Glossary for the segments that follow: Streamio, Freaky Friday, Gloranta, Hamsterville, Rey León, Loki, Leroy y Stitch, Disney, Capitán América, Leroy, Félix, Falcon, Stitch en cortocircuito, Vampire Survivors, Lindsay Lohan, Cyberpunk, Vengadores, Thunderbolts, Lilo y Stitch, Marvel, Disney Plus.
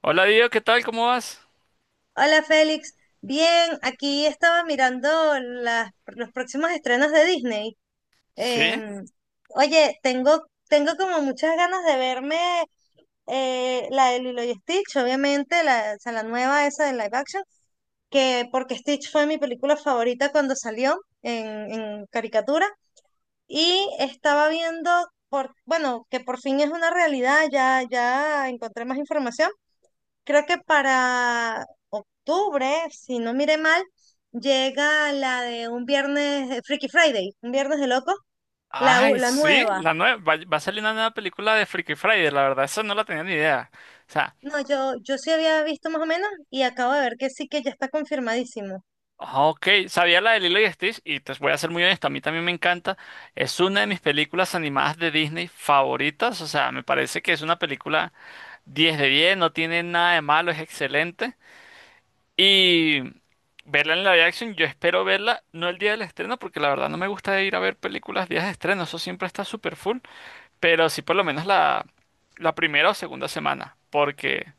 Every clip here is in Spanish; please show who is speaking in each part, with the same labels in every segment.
Speaker 1: Hola Diego, ¿qué tal? ¿Cómo vas?
Speaker 2: Hola Félix, bien, aquí estaba mirando las, los próximos estrenos de Disney.
Speaker 1: ¿Sí?
Speaker 2: Em, oye, tengo como muchas ganas de verme la de Lilo y Stitch, obviamente, la nueva esa de live action, que porque Stitch fue mi película favorita cuando salió en, en caricatura y estaba viendo, bueno, que por fin es una realidad, ya encontré más información creo que para octubre, si no mire mal, llega la de un viernes, Freaky Friday, un viernes de locos, la, u-
Speaker 1: Ay,
Speaker 2: la
Speaker 1: sí,
Speaker 2: nueva.
Speaker 1: la nueva, va a salir una nueva película de Freaky Friday, la verdad, esa no la tenía ni idea. O sea,
Speaker 2: No, yo sí había visto más o menos y acabo de ver que sí que ya está confirmadísimo.
Speaker 1: ok, sabía la de Lilo y Stitch y te voy a ser muy honesto, a mí también me encanta. Es una de mis películas animadas de Disney favoritas, o sea, me parece que es una película 10 de 10. No tiene nada de malo, es excelente. Y verla en live action, yo espero verla, no el día del estreno, porque la verdad no me gusta ir a ver películas días de estreno, eso siempre está súper full. Pero sí por lo menos la primera o segunda semana, porque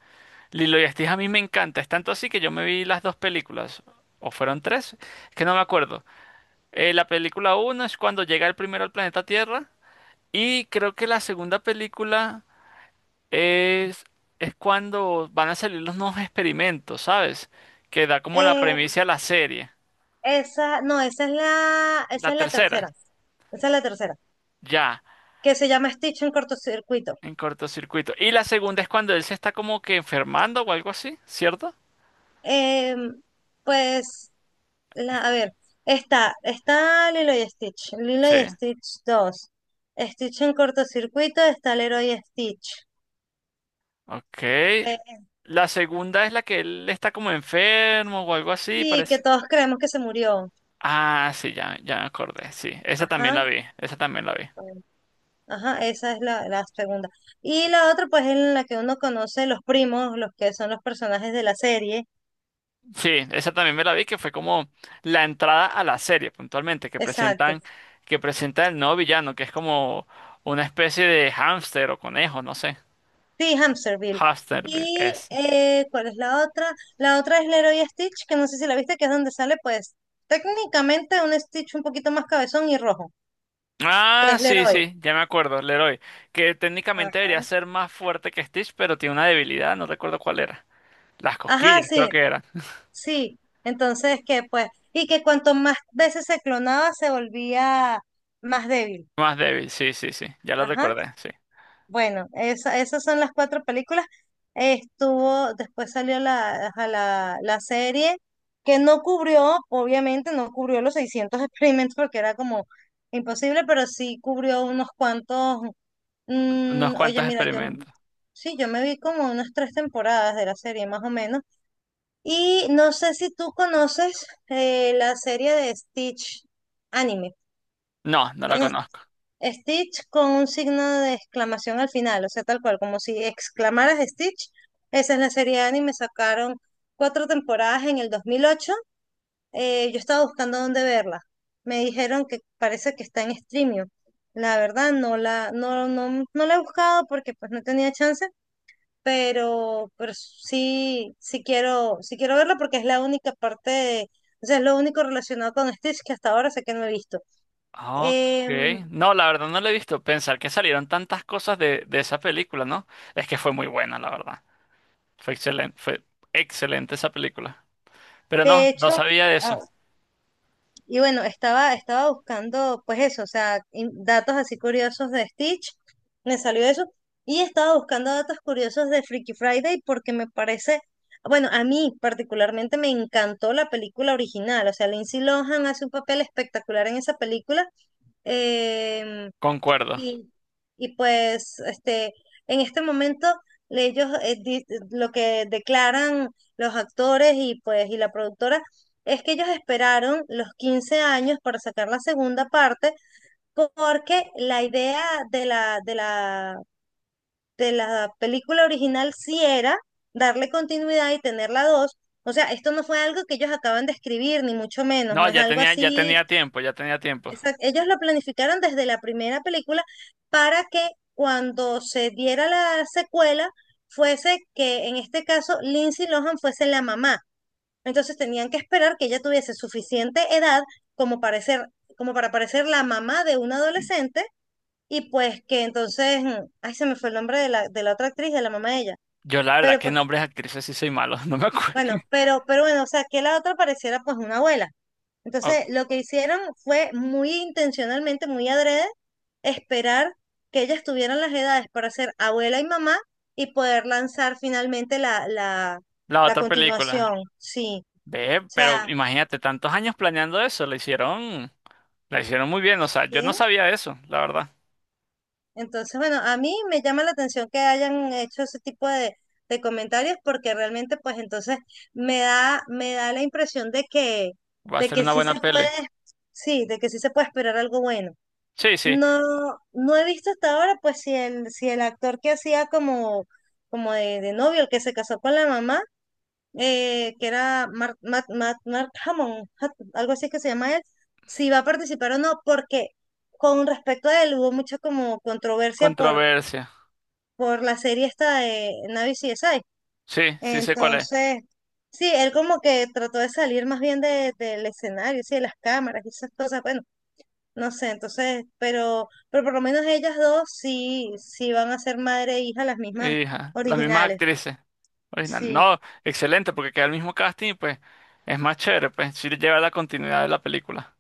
Speaker 1: Lilo y Stitch a mí me encanta. Es tanto así que yo me vi las dos películas, o fueron tres, es que no me acuerdo. La película uno es cuando llega el primero al planeta Tierra y creo que la segunda película es, es cuando van a salir los nuevos experimentos, ¿sabes? Que da como la
Speaker 2: Eh,
Speaker 1: premisa a la serie.
Speaker 2: esa, no,
Speaker 1: La
Speaker 2: esa es la
Speaker 1: tercera,
Speaker 2: tercera. Esa es la tercera,
Speaker 1: ya,
Speaker 2: que se llama Stitch en cortocircuito.
Speaker 1: en cortocircuito. Y la segunda es cuando él se está como que enfermando o algo así, ¿cierto?
Speaker 2: Em, pues a ver, está Lilo y Stitch, Lilo
Speaker 1: Sí.
Speaker 2: y Stitch dos Stitch en cortocircuito, está Leroy y Stitch.
Speaker 1: Ok.
Speaker 2: Eh,
Speaker 1: La segunda es la que él está como enfermo o algo así,
Speaker 2: sí, que
Speaker 1: parece.
Speaker 2: todos creemos que se murió.
Speaker 1: Ah, sí, ya, ya me acordé. Sí, esa también la
Speaker 2: Ajá,
Speaker 1: vi. Esa también la vi.
Speaker 2: eh, ajá, esa es la segunda. Y la otra, pues, es la que uno conoce los primos, los que son los personajes de la serie.
Speaker 1: Sí, esa también me la vi, que fue como la entrada a la serie, puntualmente,
Speaker 2: Exacto.
Speaker 1: que presenta el nuevo villano, que es como una especie de hámster o conejo, no sé.
Speaker 2: Sí, Hamsterville.
Speaker 1: Hamster
Speaker 2: Y,
Speaker 1: es.
Speaker 2: ¿cuál es la otra? La otra es Leroy y Stitch, que no sé si la viste, que es donde sale, pues, técnicamente un Stitch un poquito más cabezón y rojo, que
Speaker 1: Ah,
Speaker 2: es
Speaker 1: sí,
Speaker 2: Leroy.
Speaker 1: sí, ya me acuerdo, Leroy. Que técnicamente debería
Speaker 2: Ajá.
Speaker 1: ser más fuerte que Stitch, pero tiene una debilidad, no recuerdo cuál era. Las
Speaker 2: Ajá,
Speaker 1: cosquillas, creo
Speaker 2: sí,
Speaker 1: que era.
Speaker 2: sí. Entonces, que pues, y que cuanto más veces se clonaba, se volvía más débil.
Speaker 1: Más débil, sí, sí, sí. Ya lo
Speaker 2: Ajá.
Speaker 1: recordé, sí.
Speaker 2: Bueno, esas son las cuatro películas. Estuvo, después salió la serie, que no cubrió, obviamente, no cubrió los 600 experimentos porque era como imposible, pero sí cubrió unos cuantos.
Speaker 1: Unos cuantos
Speaker 2: Oye, mira, yo,
Speaker 1: experimentos.
Speaker 2: sí, yo me vi como unas tres temporadas de la serie, más o menos. Y no sé si tú conoces la serie de Stitch anime.
Speaker 1: No, no la
Speaker 2: En es-
Speaker 1: conozco.
Speaker 2: Stitch con un signo de exclamación al final, o sea, tal cual, como si exclamaras Stitch. Esa es la serie de anime, sacaron cuatro temporadas en el 2008. Yo estaba buscando dónde verla. Me dijeron que parece que está en Streamio. La verdad, no la he buscado porque pues no tenía chance, pero, pero sí, quiero verla porque es la única parte, o sea, es lo único relacionado con Stitch que hasta ahora sé que no he visto.
Speaker 1: Ok.
Speaker 2: Em,
Speaker 1: No, la verdad no la he visto. Pensar que salieron tantas cosas de esa película, ¿no? Es que fue muy buena, la verdad. Fue excelente esa película. Pero no,
Speaker 2: de
Speaker 1: no
Speaker 2: hecho,
Speaker 1: sabía de
Speaker 2: ah,
Speaker 1: eso.
Speaker 2: y bueno, estaba buscando, pues eso, o sea, datos así curiosos de Stitch, me salió eso, y estaba buscando datos curiosos de Freaky Friday porque me parece... Bueno, a mí particularmente me encantó la película original, o sea, Lindsay Lohan hace un papel espectacular en esa película. em,
Speaker 1: Concuerdo.
Speaker 2: Y, y pues este, en este momento ellos lo que declaran los actores y pues y la productora es que ellos esperaron los 15 años para sacar la segunda parte porque la idea de la, de la, de la película original sí era darle continuidad y tener la dos. O sea, esto no fue algo que ellos acaban de escribir, ni mucho menos,
Speaker 1: No,
Speaker 2: no es algo
Speaker 1: ya
Speaker 2: así.
Speaker 1: tenía tiempo, ya tenía tiempo.
Speaker 2: Exacto. Ellos lo planificaron desde la primera película para que cuando se diera la secuela fuese que en este caso Lindsay Lohan fuese la mamá. Entonces tenían que esperar que ella tuviese suficiente edad como para ser, como para parecer la mamá de un adolescente y pues que entonces, ay, se me fue el nombre de la otra actriz, de la mamá de ella.
Speaker 1: Yo la verdad,
Speaker 2: Pero
Speaker 1: que
Speaker 2: pues,
Speaker 1: nombres de actrices sí soy malo, no me acuerdo.
Speaker 2: bueno, pero bueno, o sea, que la otra pareciera pues una abuela.
Speaker 1: Ok,
Speaker 2: Entonces, lo que hicieron fue muy intencionalmente, muy adrede, esperar que ellas tuvieran las edades para ser abuela y mamá y poder lanzar finalmente la, la,
Speaker 1: la
Speaker 2: la
Speaker 1: otra película.
Speaker 2: continuación. Sí, o
Speaker 1: Ve, pero
Speaker 2: sea,
Speaker 1: imagínate, tantos años planeando eso, lo hicieron. La hicieron muy bien, o sea, yo no
Speaker 2: sí.
Speaker 1: sabía eso, la verdad.
Speaker 2: Entonces, bueno, a mí me llama la atención que hayan hecho ese tipo de comentarios porque realmente, pues entonces me da la impresión de que,
Speaker 1: Va a
Speaker 2: de
Speaker 1: ser
Speaker 2: que
Speaker 1: una
Speaker 2: sí
Speaker 1: buena
Speaker 2: se puede,
Speaker 1: peli.
Speaker 2: sí, de que sí se puede esperar algo bueno.
Speaker 1: Sí, sí,
Speaker 2: No, no he visto hasta ahora, pues si el actor que hacía como, como de novio, el que se casó con la mamá, que era Mark Hammond, algo así es que se llama él, si va a participar o no, porque con respecto a él hubo mucha como controversia por,
Speaker 1: controversia.
Speaker 2: por la serie esta de Navi CSI.
Speaker 1: Sí, sí sé cuál es.
Speaker 2: Entonces, sí, él como que trató de salir más bien del escenario, sí, de las cámaras y esas cosas. Bueno, no sé, entonces, pero por lo menos ellas dos sí van a ser madre e hija las mismas
Speaker 1: Hija, las mismas
Speaker 2: originales,
Speaker 1: actrices originales.
Speaker 2: sí.
Speaker 1: No, excelente, porque queda el mismo casting y pues es más chévere, pues sí lleva la continuidad de la película.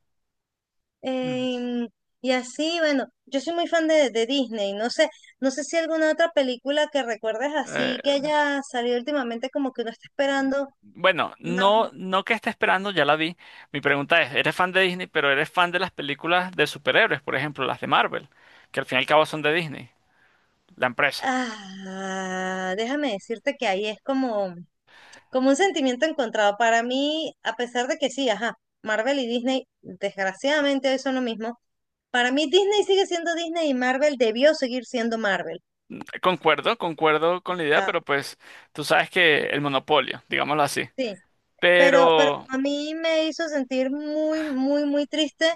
Speaker 1: Mm.
Speaker 2: Em, y así, bueno, yo soy muy fan de Disney, no sé si alguna otra película que recuerdes
Speaker 1: Eh,
Speaker 2: así que haya salido últimamente como que uno está esperando
Speaker 1: bueno,
Speaker 2: más.
Speaker 1: no, no que esté esperando, ya la vi. Mi pregunta es, ¿eres fan de Disney, pero eres fan de las películas de superhéroes, por ejemplo, las de Marvel, que al fin y al cabo son de Disney, la empresa?
Speaker 2: Ah, déjame decirte que ahí es como, como un sentimiento encontrado para mí, a pesar de que sí, ajá, Marvel y Disney desgraciadamente hoy son lo mismo, para mí Disney sigue siendo Disney y Marvel debió seguir siendo Marvel.
Speaker 1: Concuerdo, concuerdo
Speaker 2: O
Speaker 1: con la idea,
Speaker 2: sea,
Speaker 1: pero pues tú sabes que el monopolio, digámoslo así.
Speaker 2: sí, pero
Speaker 1: Pero,
Speaker 2: a mí me hizo sentir muy, muy, muy triste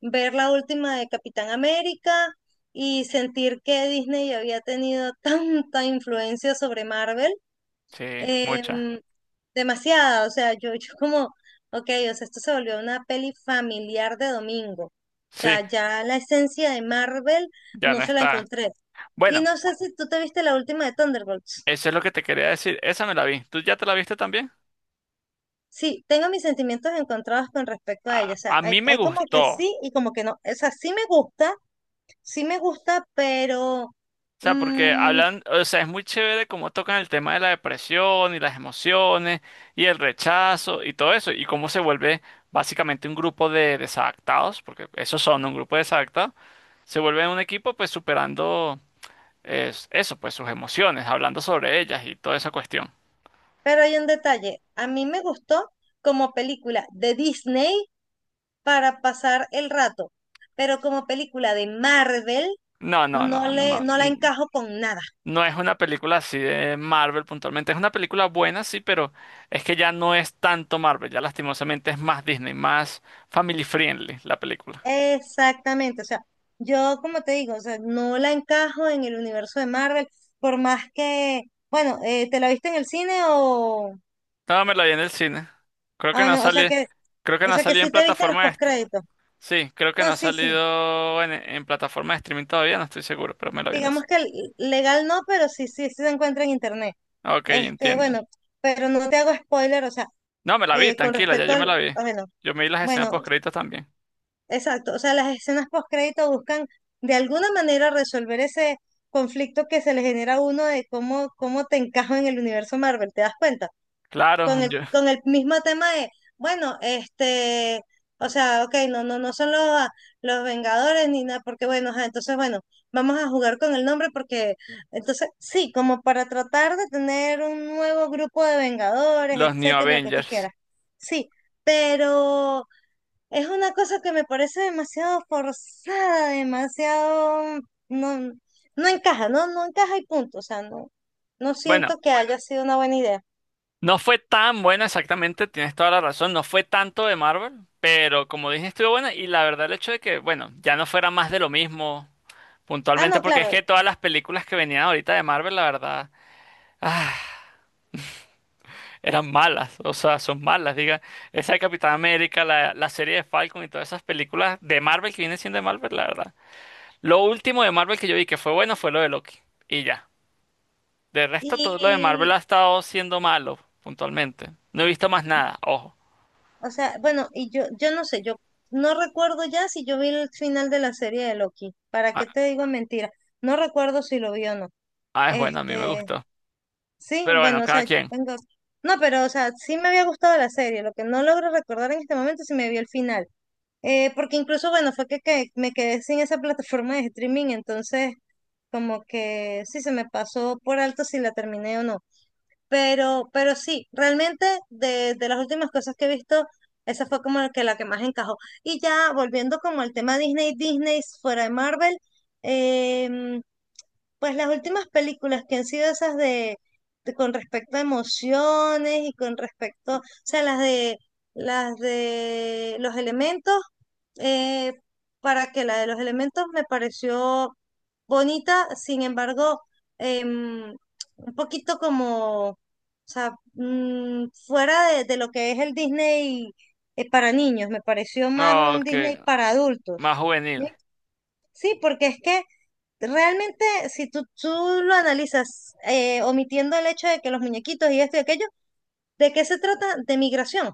Speaker 2: ver la última de Capitán América y sentir que Disney había tenido tanta influencia sobre Marvel
Speaker 1: sí, mucha.
Speaker 2: em, demasiada, o sea, yo, yo como, ok, o sea, esto se volvió una peli familiar de domingo. O
Speaker 1: Sí,
Speaker 2: sea, ya la esencia de Marvel
Speaker 1: ya
Speaker 2: no
Speaker 1: no
Speaker 2: se la
Speaker 1: está.
Speaker 2: encontré. Y
Speaker 1: Bueno,
Speaker 2: no sé si tú te viste la última de Thunderbolts.
Speaker 1: eso es lo que te quería decir. Esa me la vi. ¿Tú ya te la viste también?
Speaker 2: Sí, tengo mis sentimientos encontrados con respecto a ella.
Speaker 1: A,
Speaker 2: O sea,
Speaker 1: a
Speaker 2: hay,
Speaker 1: mí me
Speaker 2: hay como que
Speaker 1: gustó.
Speaker 2: sí y como que no. O sea, pero,
Speaker 1: O sea, porque
Speaker 2: mm,
Speaker 1: hablan, o sea, es muy chévere cómo tocan el tema de la depresión y las emociones y el rechazo y todo eso. Y cómo se vuelve básicamente un grupo de desadaptados, porque esos son un grupo de desadaptados, se vuelve un equipo pues superando es eso, pues sus emociones, hablando sobre ellas y toda esa cuestión.
Speaker 2: pero hay un detalle. A mí me gustó como película de Disney para pasar el rato, pero como película de Marvel,
Speaker 1: No, no, no, no,
Speaker 2: no la encajo con nada.
Speaker 1: no es una película así de Marvel puntualmente. Es una película buena, sí, pero es que ya no es tanto Marvel, ya lastimosamente es más Disney, más family friendly la película.
Speaker 2: Exactamente, o sea, yo como te digo, o sea, no la encajo en el universo de Marvel, por más que, bueno, ¿te la viste en el cine o,
Speaker 1: No, me la vi en el cine. Creo
Speaker 2: ah,
Speaker 1: que no
Speaker 2: bueno,
Speaker 1: sale, creo que
Speaker 2: o
Speaker 1: no
Speaker 2: sea que
Speaker 1: salió en
Speaker 2: sí te viste los
Speaker 1: plataforma de
Speaker 2: postcréditos?
Speaker 1: sí, creo que no
Speaker 2: No,
Speaker 1: ha
Speaker 2: sí, sí,
Speaker 1: salido en, plataforma de streaming todavía, no estoy seguro, pero me la vi en el
Speaker 2: digamos
Speaker 1: cine.
Speaker 2: que legal no, pero sí, sí se encuentra en internet.
Speaker 1: Ok,
Speaker 2: Este,
Speaker 1: entiendo.
Speaker 2: bueno, pero no te hago spoiler, o sea,
Speaker 1: No, me la vi,
Speaker 2: con
Speaker 1: tranquila, ya
Speaker 2: respecto
Speaker 1: yo me
Speaker 2: al,
Speaker 1: la vi.
Speaker 2: ah, bueno,
Speaker 1: Yo me vi las escenas
Speaker 2: bueno,
Speaker 1: post créditos también.
Speaker 2: exacto, o sea, las escenas postcrédito buscan de alguna manera resolver ese conflicto que se le genera a uno de cómo, cómo te encajo en el universo Marvel, ¿te das cuenta?
Speaker 1: Claro,
Speaker 2: Con el mismo tema de, bueno, este, o sea, ok, no, no, no son los, a- los Vengadores ni nada, porque bueno, ajá, entonces bueno, vamos a jugar con el nombre porque, entonces, sí, como para tratar de tener un nuevo grupo de Vengadores,
Speaker 1: los New
Speaker 2: etcétera, lo que tú
Speaker 1: Avengers.
Speaker 2: quieras. Sí, pero. Es una cosa que me parece demasiado forzada, demasiado, no, no encaja, no, no encaja y punto. O sea, no, no
Speaker 1: Bueno,
Speaker 2: siento que haya sido una buena idea.
Speaker 1: no fue tan buena exactamente, tienes toda la razón, no fue tanto de Marvel, pero como dije, estuvo buena y la verdad el hecho de que, bueno, ya no fuera más de lo mismo
Speaker 2: Ah,
Speaker 1: puntualmente,
Speaker 2: no,
Speaker 1: porque es
Speaker 2: claro.
Speaker 1: que todas las películas que venían ahorita de Marvel, la verdad, ah, eran malas, o sea, son malas, diga, esa de Capitán América, la serie de Falcon y todas esas películas de Marvel que vienen siendo de Marvel, la verdad. Lo último de Marvel que yo vi que fue bueno fue lo de Loki, y ya. De resto, todo lo de Marvel
Speaker 2: Y,
Speaker 1: ha estado siendo malo, puntualmente. No he visto más nada, ojo.
Speaker 2: bueno, y yo no sé, yo no recuerdo ya si yo vi el final de la serie de Loki. ¿Para
Speaker 1: Ah,
Speaker 2: qué te digo mentira? No recuerdo si lo vi o no.
Speaker 1: ah, es bueno, a mí me
Speaker 2: Este,
Speaker 1: gustó.
Speaker 2: sí,
Speaker 1: Pero bueno,
Speaker 2: bueno, o
Speaker 1: cada
Speaker 2: sea,
Speaker 1: quien.
Speaker 2: tengo, no, pero, o sea, sí me había gustado la serie. Lo que no logro recordar en este momento es si me vi el final. Porque incluso, bueno, fue que me quedé sin esa plataforma de streaming, entonces como que sí se me pasó por alto si la terminé o no. Pero sí, realmente de las últimas cosas que he visto, esa fue como la que más encajó. Y ya volviendo como al tema Disney, Disney fuera de Marvel, em, pues las últimas películas que han sido esas con respecto a emociones y con respecto, o sea, las de los elementos, eh, para que la de los elementos me pareció bonita, sin embargo, em, un poquito como, o sea, fuera de lo que es el Disney para niños, me pareció más
Speaker 1: No,
Speaker 2: un
Speaker 1: ok,
Speaker 2: Disney para adultos.
Speaker 1: más juvenil
Speaker 2: ¿Sí? Sí, porque es que realmente, si tú lo analizas, omitiendo el hecho de que los muñequitos y esto y aquello, ¿de qué se trata? De migración.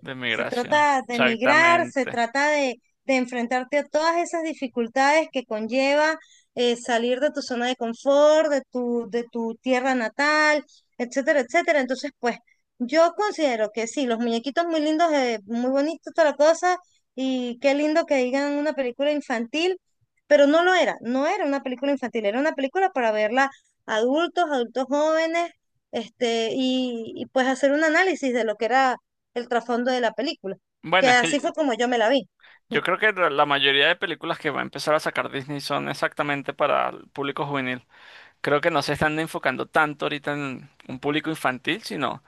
Speaker 1: de
Speaker 2: Se
Speaker 1: migración.
Speaker 2: trata de migrar, se
Speaker 1: Exactamente.
Speaker 2: trata de enfrentarte a todas esas dificultades que conlleva salir de tu zona de confort, de tu tierra natal, etcétera, etcétera. Entonces, pues, yo considero que sí, los muñequitos muy lindos, muy bonitos, toda la cosa, y qué lindo que digan una película infantil, pero no lo era, no era una película infantil, era una película para verla adultos, adultos jóvenes, este, y pues hacer un análisis de lo que era el trasfondo de la película,
Speaker 1: Bueno,
Speaker 2: que
Speaker 1: es
Speaker 2: así fue
Speaker 1: que
Speaker 2: como yo me la vi.
Speaker 1: yo creo que la mayoría de películas que va a empezar a sacar Disney son exactamente para el público juvenil. Creo que no se están enfocando tanto ahorita en un público infantil, sino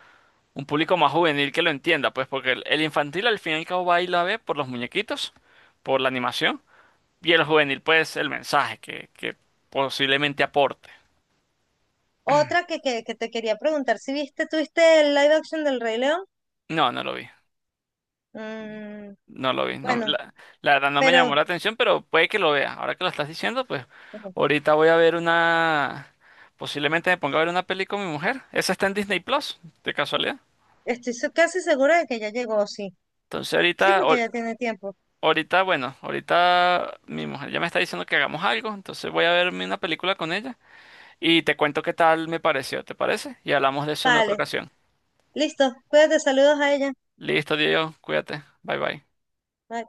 Speaker 1: un público más juvenil que lo entienda, pues porque el infantil al fin y al cabo va y la ve por los muñequitos, por la animación. Y el juvenil, pues, el mensaje que posiblemente aporte.
Speaker 2: Otra que te quería preguntar, si viste, tuviste el live action del Rey León?
Speaker 1: No, no lo vi.
Speaker 2: Mm,
Speaker 1: No lo vi. No,
Speaker 2: bueno,
Speaker 1: la verdad no me llamó
Speaker 2: pero
Speaker 1: la atención, pero puede que lo vea. Ahora que lo estás diciendo, pues
Speaker 2: bueno,
Speaker 1: ahorita voy a ver una. Posiblemente me ponga a ver una peli con mi mujer. Esa está en Disney Plus, de casualidad.
Speaker 2: estoy casi segura de que ya llegó, sí.
Speaker 1: Entonces
Speaker 2: Sí, porque ya tiene tiempo.
Speaker 1: ahorita, bueno, ahorita mi mujer ya me está diciendo que hagamos algo. Entonces voy a verme una película con ella y te cuento qué tal me pareció, ¿te parece? Y hablamos de eso en otra
Speaker 2: Vale,
Speaker 1: ocasión.
Speaker 2: listo, cuídate, saludos a ella.
Speaker 1: Listo, Diego, cuídate. Bye bye.
Speaker 2: Bye.